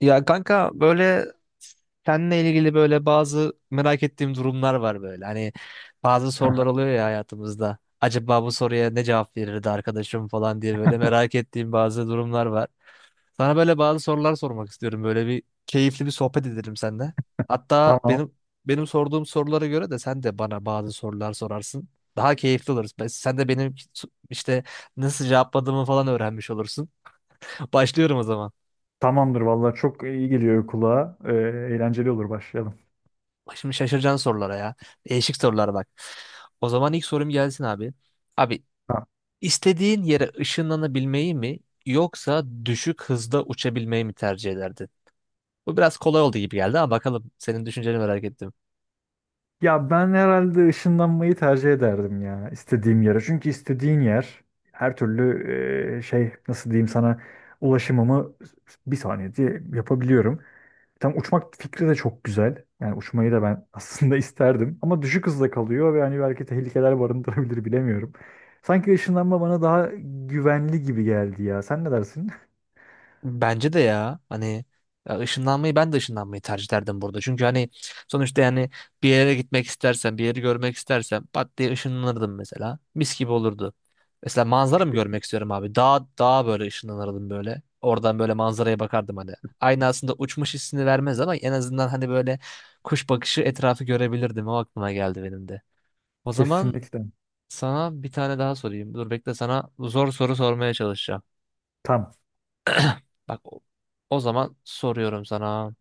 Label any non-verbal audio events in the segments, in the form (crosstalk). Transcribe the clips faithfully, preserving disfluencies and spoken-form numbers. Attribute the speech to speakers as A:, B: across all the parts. A: Ya kanka böyle seninle ilgili böyle bazı merak ettiğim durumlar var böyle. Hani bazı sorular oluyor
B: (laughs)
A: ya hayatımızda. Acaba bu soruya ne cevap verirdi arkadaşım falan diye böyle merak ettiğim bazı durumlar var. Sana böyle bazı sorular sormak istiyorum. Böyle bir keyifli bir sohbet edelim seninle. Hatta
B: Tamam.
A: benim benim sorduğum sorulara göre de sen de bana bazı sorular sorarsın. Daha keyifli oluruz. Ben- Sen de benim işte nasıl cevapladığımı falan öğrenmiş olursun. (laughs) Başlıyorum o zaman.
B: Tamamdır vallahi çok iyi geliyor kulağa. Ee, eğlenceli olur başlayalım.
A: Bak şimdi şaşıracaksın sorulara ya. Değişik sorular bak. O zaman ilk sorum gelsin abi. Abi
B: Ha.
A: istediğin yere ışınlanabilmeyi mi yoksa düşük hızda uçabilmeyi mi tercih ederdin? Bu biraz kolay oldu gibi geldi ama bakalım senin düşünceni merak ettim.
B: Ya ben herhalde ışınlanmayı tercih ederdim ya istediğim yere. Çünkü istediğin yer her türlü e, şey, nasıl diyeyim sana, ulaşımımı bir saniyede yapabiliyorum. Tam uçmak fikri de çok güzel. Yani uçmayı da ben (laughs) aslında isterdim. Ama düşük hızda kalıyor ve hani belki tehlikeler barındırabilir, bilemiyorum. Sanki ışınlanma bana daha güvenli gibi geldi ya. Sen ne dersin?
A: Bence de ya hani ya ışınlanmayı ben de ışınlanmayı tercih ederdim burada. Çünkü hani sonuçta yani bir yere gitmek istersen bir yeri görmek istersen pat diye ışınlanırdım mesela. Mis gibi olurdu. Mesela manzara mı görmek
B: (laughs)
A: istiyorum abi? Dağ, dağa böyle ışınlanırdım böyle. Oradan böyle manzaraya bakardım hani. Aynı aslında uçmuş hissini vermez ama en azından hani böyle kuş bakışı etrafı görebilirdim. O aklıma geldi benim de. O zaman
B: Kesinlikle.
A: sana bir tane daha sorayım. Dur bekle sana zor soru sormaya çalışacağım.
B: Tam.
A: Bak o o zaman soruyorum sana.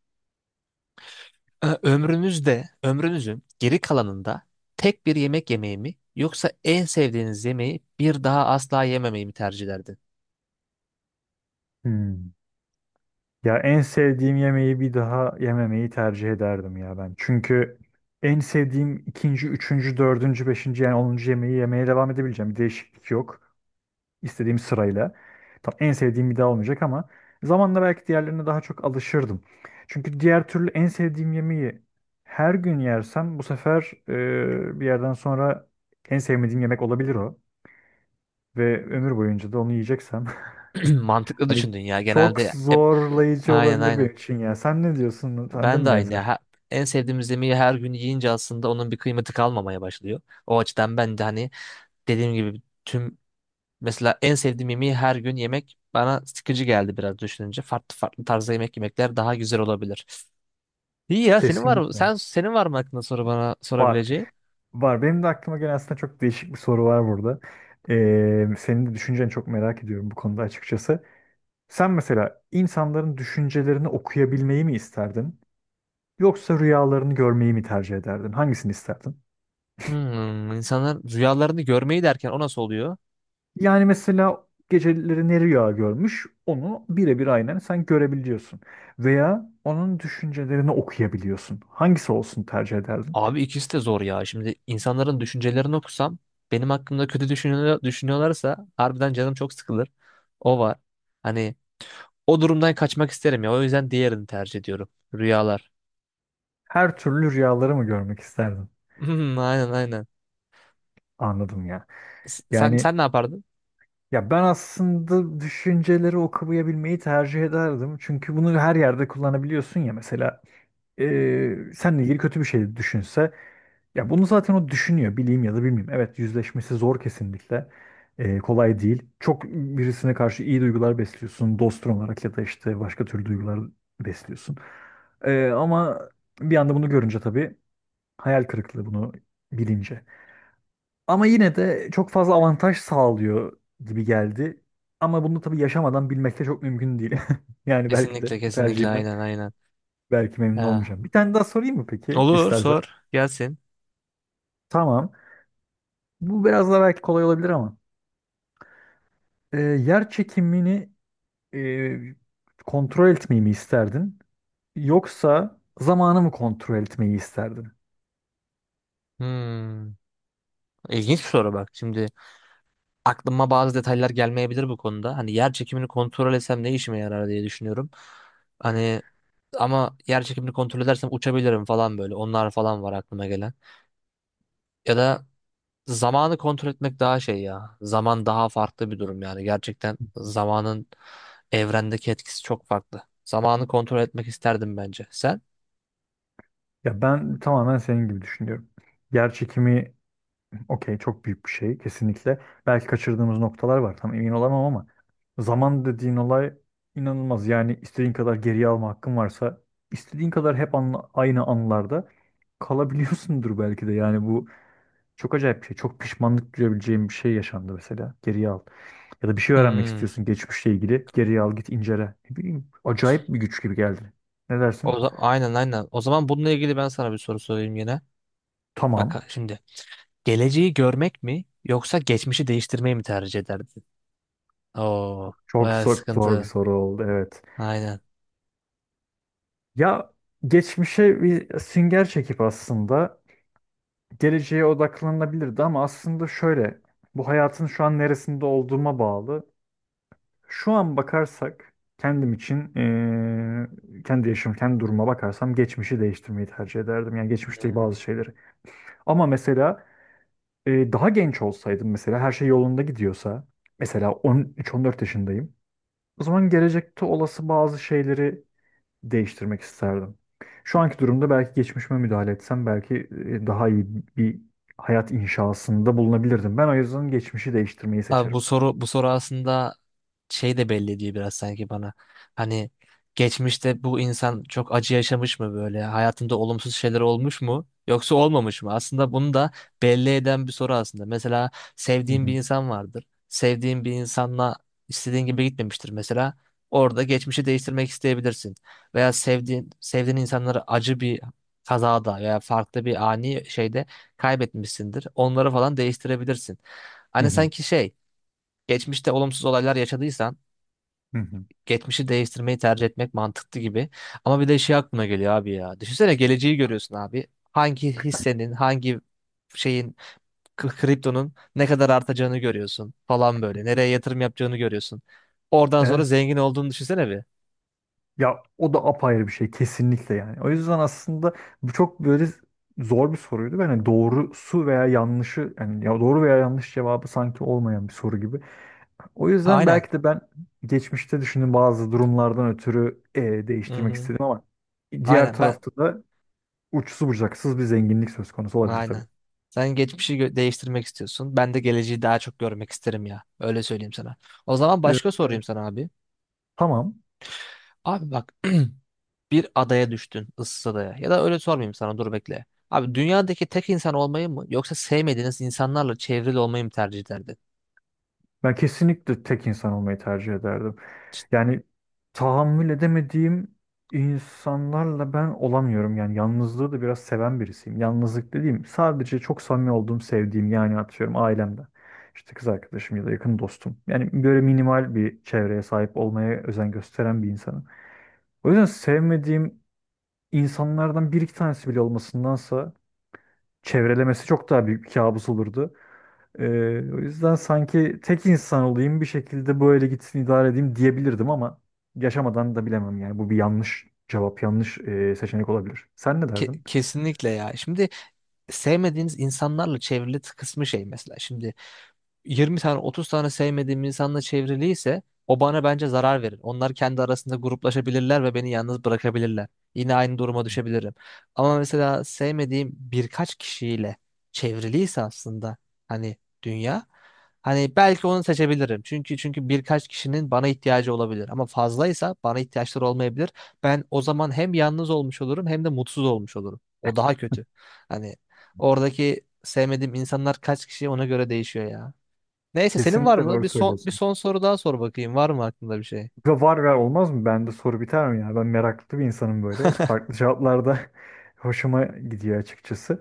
A: Ö- Ömrünüzde, ömrünüzün geri kalanında tek bir yemek yemeyi mi yoksa en sevdiğiniz yemeği bir daha asla yememeyi mi tercih ederdin?
B: Hmm. Ya en sevdiğim yemeği bir daha yememeyi tercih ederdim ya ben. Çünkü en sevdiğim ikinci, üçüncü, dördüncü, beşinci yani onuncu yemeği yemeye devam edebileceğim. Bir değişiklik yok. İstediğim sırayla. Tam en sevdiğim bir daha olmayacak ama zamanla belki diğerlerine daha çok alışırdım. Çünkü diğer türlü en sevdiğim yemeği her gün yersem bu sefer e, bir yerden sonra en sevmediğim yemek olabilir o. Ve ömür boyunca da onu yiyeceksem (laughs)
A: (clears throat) Mantıklı
B: hani
A: düşündün ya.
B: çok
A: Genelde hep
B: zorlayıcı
A: aynen
B: olabilir
A: aynen.
B: benim için ya. Sen ne diyorsun? Sende
A: Ben de
B: mi
A: aynı ya.
B: benzer?
A: Ha- En sevdiğimiz yemeği her gün yiyince aslında onun bir kıymeti kalmamaya başlıyor. O açıdan ben de hani dediğim gibi tüm mesela en sevdiğim yemeği her gün yemek bana sıkıcı geldi biraz düşününce. Farklı farklı tarzda yemek yemekler daha güzel olabilir. İyi ya senin var mı?
B: Kesinlikle.
A: Sen senin var mı aklında soru bana
B: Var.
A: sorabileceğin?
B: Var. Benim de aklıma gelen aslında çok değişik bir soru var burada. Ee, senin de düşünceni çok merak ediyorum bu konuda açıkçası. Sen mesela insanların düşüncelerini okuyabilmeyi mi isterdin? Yoksa rüyalarını görmeyi mi tercih ederdin? Hangisini isterdin?
A: Hmm, insanlar rüyalarını görmeyi derken o nasıl oluyor?
B: Yani mesela geceleri ne rüya görmüş onu birebir aynen sen görebiliyorsun. Veya onun düşüncelerini okuyabiliyorsun. Hangisi olsun tercih ederdin?
A: Abi ikisi de zor ya. Şimdi insanların düşüncelerini okusam benim hakkımda kötü düşünüyor, düşünüyorlarsa harbiden canım çok sıkılır. O var. Hani o durumdan kaçmak isterim ya. O yüzden diğerini tercih ediyorum. Rüyalar.
B: Her türlü rüyaları mı görmek isterdin?
A: Hmm, aynen aynen.
B: Anladım ya.
A: S- Sen
B: Yani
A: sen ne yapardın?
B: ya ben aslında düşünceleri okuyabilmeyi tercih ederdim. Çünkü bunu her yerde kullanabiliyorsun ya, mesela eee seninle ilgili kötü bir şey düşünse, ya bunu zaten o düşünüyor bileyim ya da bilmeyeyim. Evet, yüzleşmesi zor kesinlikle. Eee, kolay değil. Çok birisine karşı iyi duygular besliyorsun dostun olarak ya da işte başka türlü duygular besliyorsun. Eee, ama bir anda bunu görünce tabii hayal kırıklığı, bunu bilince. Ama yine de çok fazla avantaj sağlıyor gibi geldi. Ama bunu tabii yaşamadan bilmek de çok mümkün değil. (laughs) Yani belki de
A: Kesinlikle
B: bu
A: kesinlikle
B: tercihimden
A: aynen aynen.
B: belki memnun
A: Ha.
B: olmayacağım. Bir tane daha sorayım mı peki
A: Olur
B: istersen?
A: sor gelsin.
B: Tamam. Bu biraz daha belki kolay olabilir ama. Ee, yer çekimini e, kontrol etmeyi mi isterdin? Yoksa zamanı mı kontrol etmeyi isterdin?
A: Hmm, ilginç bir soru bak şimdi. Aklıma bazı detaylar gelmeyebilir bu konuda. Hani yer çekimini kontrol etsem ne işime yarar diye düşünüyorum. Hani ama yer çekimini kontrol edersem uçabilirim falan böyle. Onlar falan var aklıma gelen. Ya da zamanı kontrol etmek daha şey ya. Zaman daha farklı bir durum yani. Gerçekten zamanın evrendeki etkisi çok farklı. Zamanı kontrol etmek isterdim bence. Sen?
B: Ya ben tamamen senin gibi düşünüyorum. Yer çekimi okey, çok büyük bir şey kesinlikle. Belki kaçırdığımız noktalar var tam emin olamam ama zaman dediğin olay inanılmaz. Yani istediğin kadar geriye alma hakkın varsa istediğin kadar hep anla- aynı anlarda kalabiliyorsundur belki de. Yani bu çok acayip bir şey. Çok pişmanlık duyabileceğim bir şey yaşandı mesela. Geriye al. Ya da bir şey öğrenmek
A: Hmm.
B: istiyorsun geçmişle ilgili. Geriye al, git incele. Ne bileyim, acayip bir güç gibi geldi. Ne dersin?
A: O za- aynen aynen. O zaman bununla ilgili ben sana bir soru sorayım yine.
B: Tamam.
A: Bak şimdi geleceği görmek mi yoksa geçmişi değiştirmeyi mi tercih ederdin? Oo,
B: Çok
A: bayağı
B: zor, zor bir
A: sıkıntı.
B: soru oldu. Evet.
A: Aynen.
B: Ya geçmişe bir sünger çekip aslında geleceğe odaklanabilirdi ama aslında şöyle, bu hayatın şu an neresinde olduğuma bağlı. Şu an bakarsak kendim için eee, kendi yaşım kendi duruma bakarsam geçmişi değiştirmeyi tercih ederdim. Yani geçmişte
A: Hmm.
B: bazı şeyleri. Ama mesela eee, daha genç olsaydım, mesela her şey yolunda gidiyorsa, mesela on üç on dört yaşındayım. O zaman gelecekte olası bazı şeyleri değiştirmek isterdim. Şu anki durumda belki geçmişime müdahale etsem belki e, daha iyi bir hayat inşasında bulunabilirdim. Ben o yüzden geçmişi değiştirmeyi
A: Abi
B: seçerim.
A: bu soru bu soru aslında şey de belli diyor biraz sanki bana. Hani geçmişte bu insan çok acı yaşamış mı böyle? Hayatında olumsuz şeyler olmuş mu? Yoksa olmamış mı? Aslında bunu da belli eden bir soru aslında. Mesela
B: Hı
A: sevdiğin bir
B: hı.
A: insan vardır. Sevdiğin bir insanla istediğin gibi gitmemiştir mesela. Orada geçmişi değiştirmek isteyebilirsin. Veya sevdiğin sevdiğin insanları acı bir kazada veya farklı bir ani şeyde kaybetmişsindir. Onları falan değiştirebilirsin.
B: Hı
A: Hani
B: hı.
A: sanki şey geçmişte olumsuz olaylar yaşadıysan
B: Hı hı.
A: geçmişi değiştirmeyi tercih etmek mantıklı gibi. Ama bir de şey aklıma geliyor abi ya. Düşünsene geleceği görüyorsun abi. Hangi hissenin, hangi şeyin, k- kriptonun ne kadar artacağını görüyorsun falan böyle. Nereye yatırım yapacağını görüyorsun. Oradan sonra
B: Evet.
A: zengin olduğunu düşünsene bir.
B: Ya o da apayrı bir şey kesinlikle yani. O yüzden aslında bu çok böyle zor bir soruydu. Ben hani doğrusu veya yanlışı, yani ya doğru veya yanlış cevabı sanki olmayan bir soru gibi. O yüzden
A: Aynen.
B: belki de ben geçmişte düşündüğüm bazı durumlardan ötürü e,
A: Hı
B: değiştirmek
A: hı.
B: istedim ama diğer
A: Aynen ben
B: tarafta da uçsuz bucaksız bir zenginlik söz konusu olabilir tabii.
A: aynen. Sen geçmişi gö- değiştirmek istiyorsun. Ben de geleceği daha çok görmek isterim ya. Öyle söyleyeyim sana. O zaman
B: Evet,
A: başka sorayım
B: evet.
A: sana abi.
B: Tamam.
A: Abi bak bir adaya düştün, ıssız adaya. Ya da öyle sormayayım sana, dur bekle. Abi dünyadaki tek insan olmayı mı yoksa sevmediğiniz insanlarla çevrili olmayı mı tercih ederdin?
B: Ben kesinlikle tek insan olmayı tercih ederdim. Yani tahammül edemediğim insanlarla ben olamıyorum. Yani yalnızlığı da biraz seven birisiyim. Yalnızlık dediğim sadece çok samimi olduğum, sevdiğim, yani atıyorum ailemden. İşte kız arkadaşım ya da yakın dostum. Yani böyle minimal bir çevreye sahip olmaya özen gösteren bir insanım. O yüzden sevmediğim insanlardan bir iki tanesi bile olmasındansa çevrelemesi çok daha büyük bir kabus olurdu. Ee, O yüzden sanki tek insan olayım bir şekilde böyle gitsin idare edeyim diyebilirdim ama yaşamadan da bilemem, yani bu bir yanlış cevap, yanlış e, seçenek olabilir. Sen ne
A: Ke-
B: derdin?
A: kesinlikle ya. Şimdi sevmediğiniz insanlarla çevrili kısmı şey mesela. Şimdi yirmi tane otuz tane sevmediğim insanla çevriliyse o bana bence zarar verir. Onlar kendi arasında gruplaşabilirler ve beni yalnız bırakabilirler. Yine aynı duruma düşebilirim. Ama mesela sevmediğim birkaç kişiyle çevriliyse aslında hani dünya hani belki onu seçebilirim. Çünkü çünkü birkaç kişinin bana ihtiyacı olabilir ama fazlaysa bana ihtiyaçları olmayabilir. Ben o zaman hem yalnız olmuş olurum hem de mutsuz olmuş olurum. O daha kötü. Hani oradaki sevmediğim insanlar kaç kişi ona göre değişiyor ya. Neyse senin var
B: Kesinlikle
A: mı?
B: doğru
A: Bir son bir
B: söylüyorsun.
A: son soru daha sor bakayım. Var mı aklında bir şey?
B: Kanka var, ver olmaz mı? Bende soru biter mi ya? Ben meraklı bir insanım böyle. Farklı cevaplarda (laughs) hoşuma gidiyor açıkçası.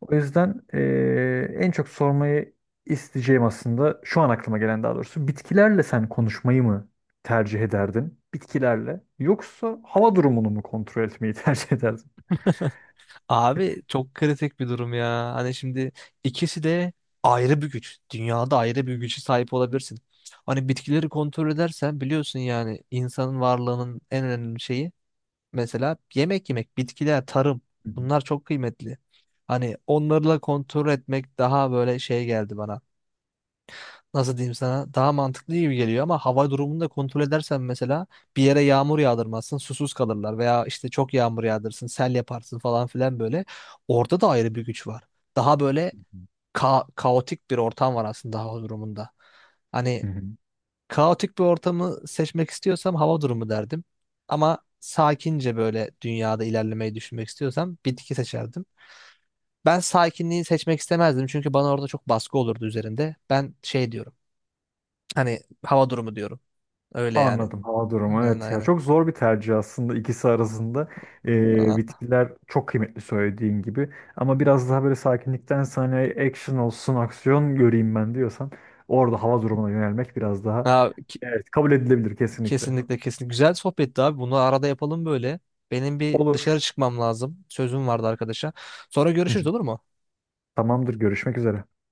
B: O yüzden eee, en çok sormayı isteyeceğim aslında şu an aklıma gelen, daha doğrusu. Bitkilerle sen konuşmayı mı tercih ederdin? Bitkilerle. Yoksa hava durumunu mu kontrol etmeyi (laughs) tercih ederdin?
A: Abi çok kritik bir durum ya. Hani şimdi ikisi de ayrı bir güç. Dünyada ayrı bir güce sahip olabilirsin. Hani bitkileri kontrol edersen biliyorsun yani insanın varlığının en önemli şeyi mesela yemek yemek, bitkiler, tarım
B: Hı
A: bunlar çok kıymetli. Hani onlarla kontrol etmek daha böyle şey geldi bana. Nasıl diyeyim sana daha mantıklı gibi geliyor ama hava durumunu da kontrol edersen mesela bir yere yağmur yağdırmazsın susuz kalırlar veya işte çok yağmur yağdırırsın sel yaparsın falan filan böyle orada da ayrı bir güç var. Daha böyle ka kaotik bir ortam var aslında hava durumunda. Hani
B: hı.
A: kaotik bir ortamı seçmek istiyorsam hava durumu derdim ama sakince böyle dünyada ilerlemeyi düşünmek istiyorsam bitki seçerdim. Ben sakinliği seçmek istemezdim çünkü bana orada çok baskı olurdu üzerinde. Ben şey diyorum. Hani hava durumu diyorum. Öyle yani.
B: Anladım. Hava durumu,
A: Aynen
B: evet ya,
A: aynen.
B: çok zor bir tercih aslında ikisi arasında. Ee,
A: Aa,
B: bitkiler çok kıymetli söylediğin gibi ama biraz daha böyle sakinlikten sana action olsun, aksiyon göreyim ben diyorsan orada hava durumuna yönelmek biraz daha,
A: aa, ki-
B: evet, kabul edilebilir kesinlikle.
A: kesinlikle kesinlikle. Güzel sohbetti abi. Bunu arada yapalım böyle. Benim bir
B: Olur.
A: dışarı çıkmam lazım. Sözüm vardı arkadaşa. Sonra görüşürüz olur
B: (laughs)
A: mu?
B: Tamamdır, görüşmek üzere.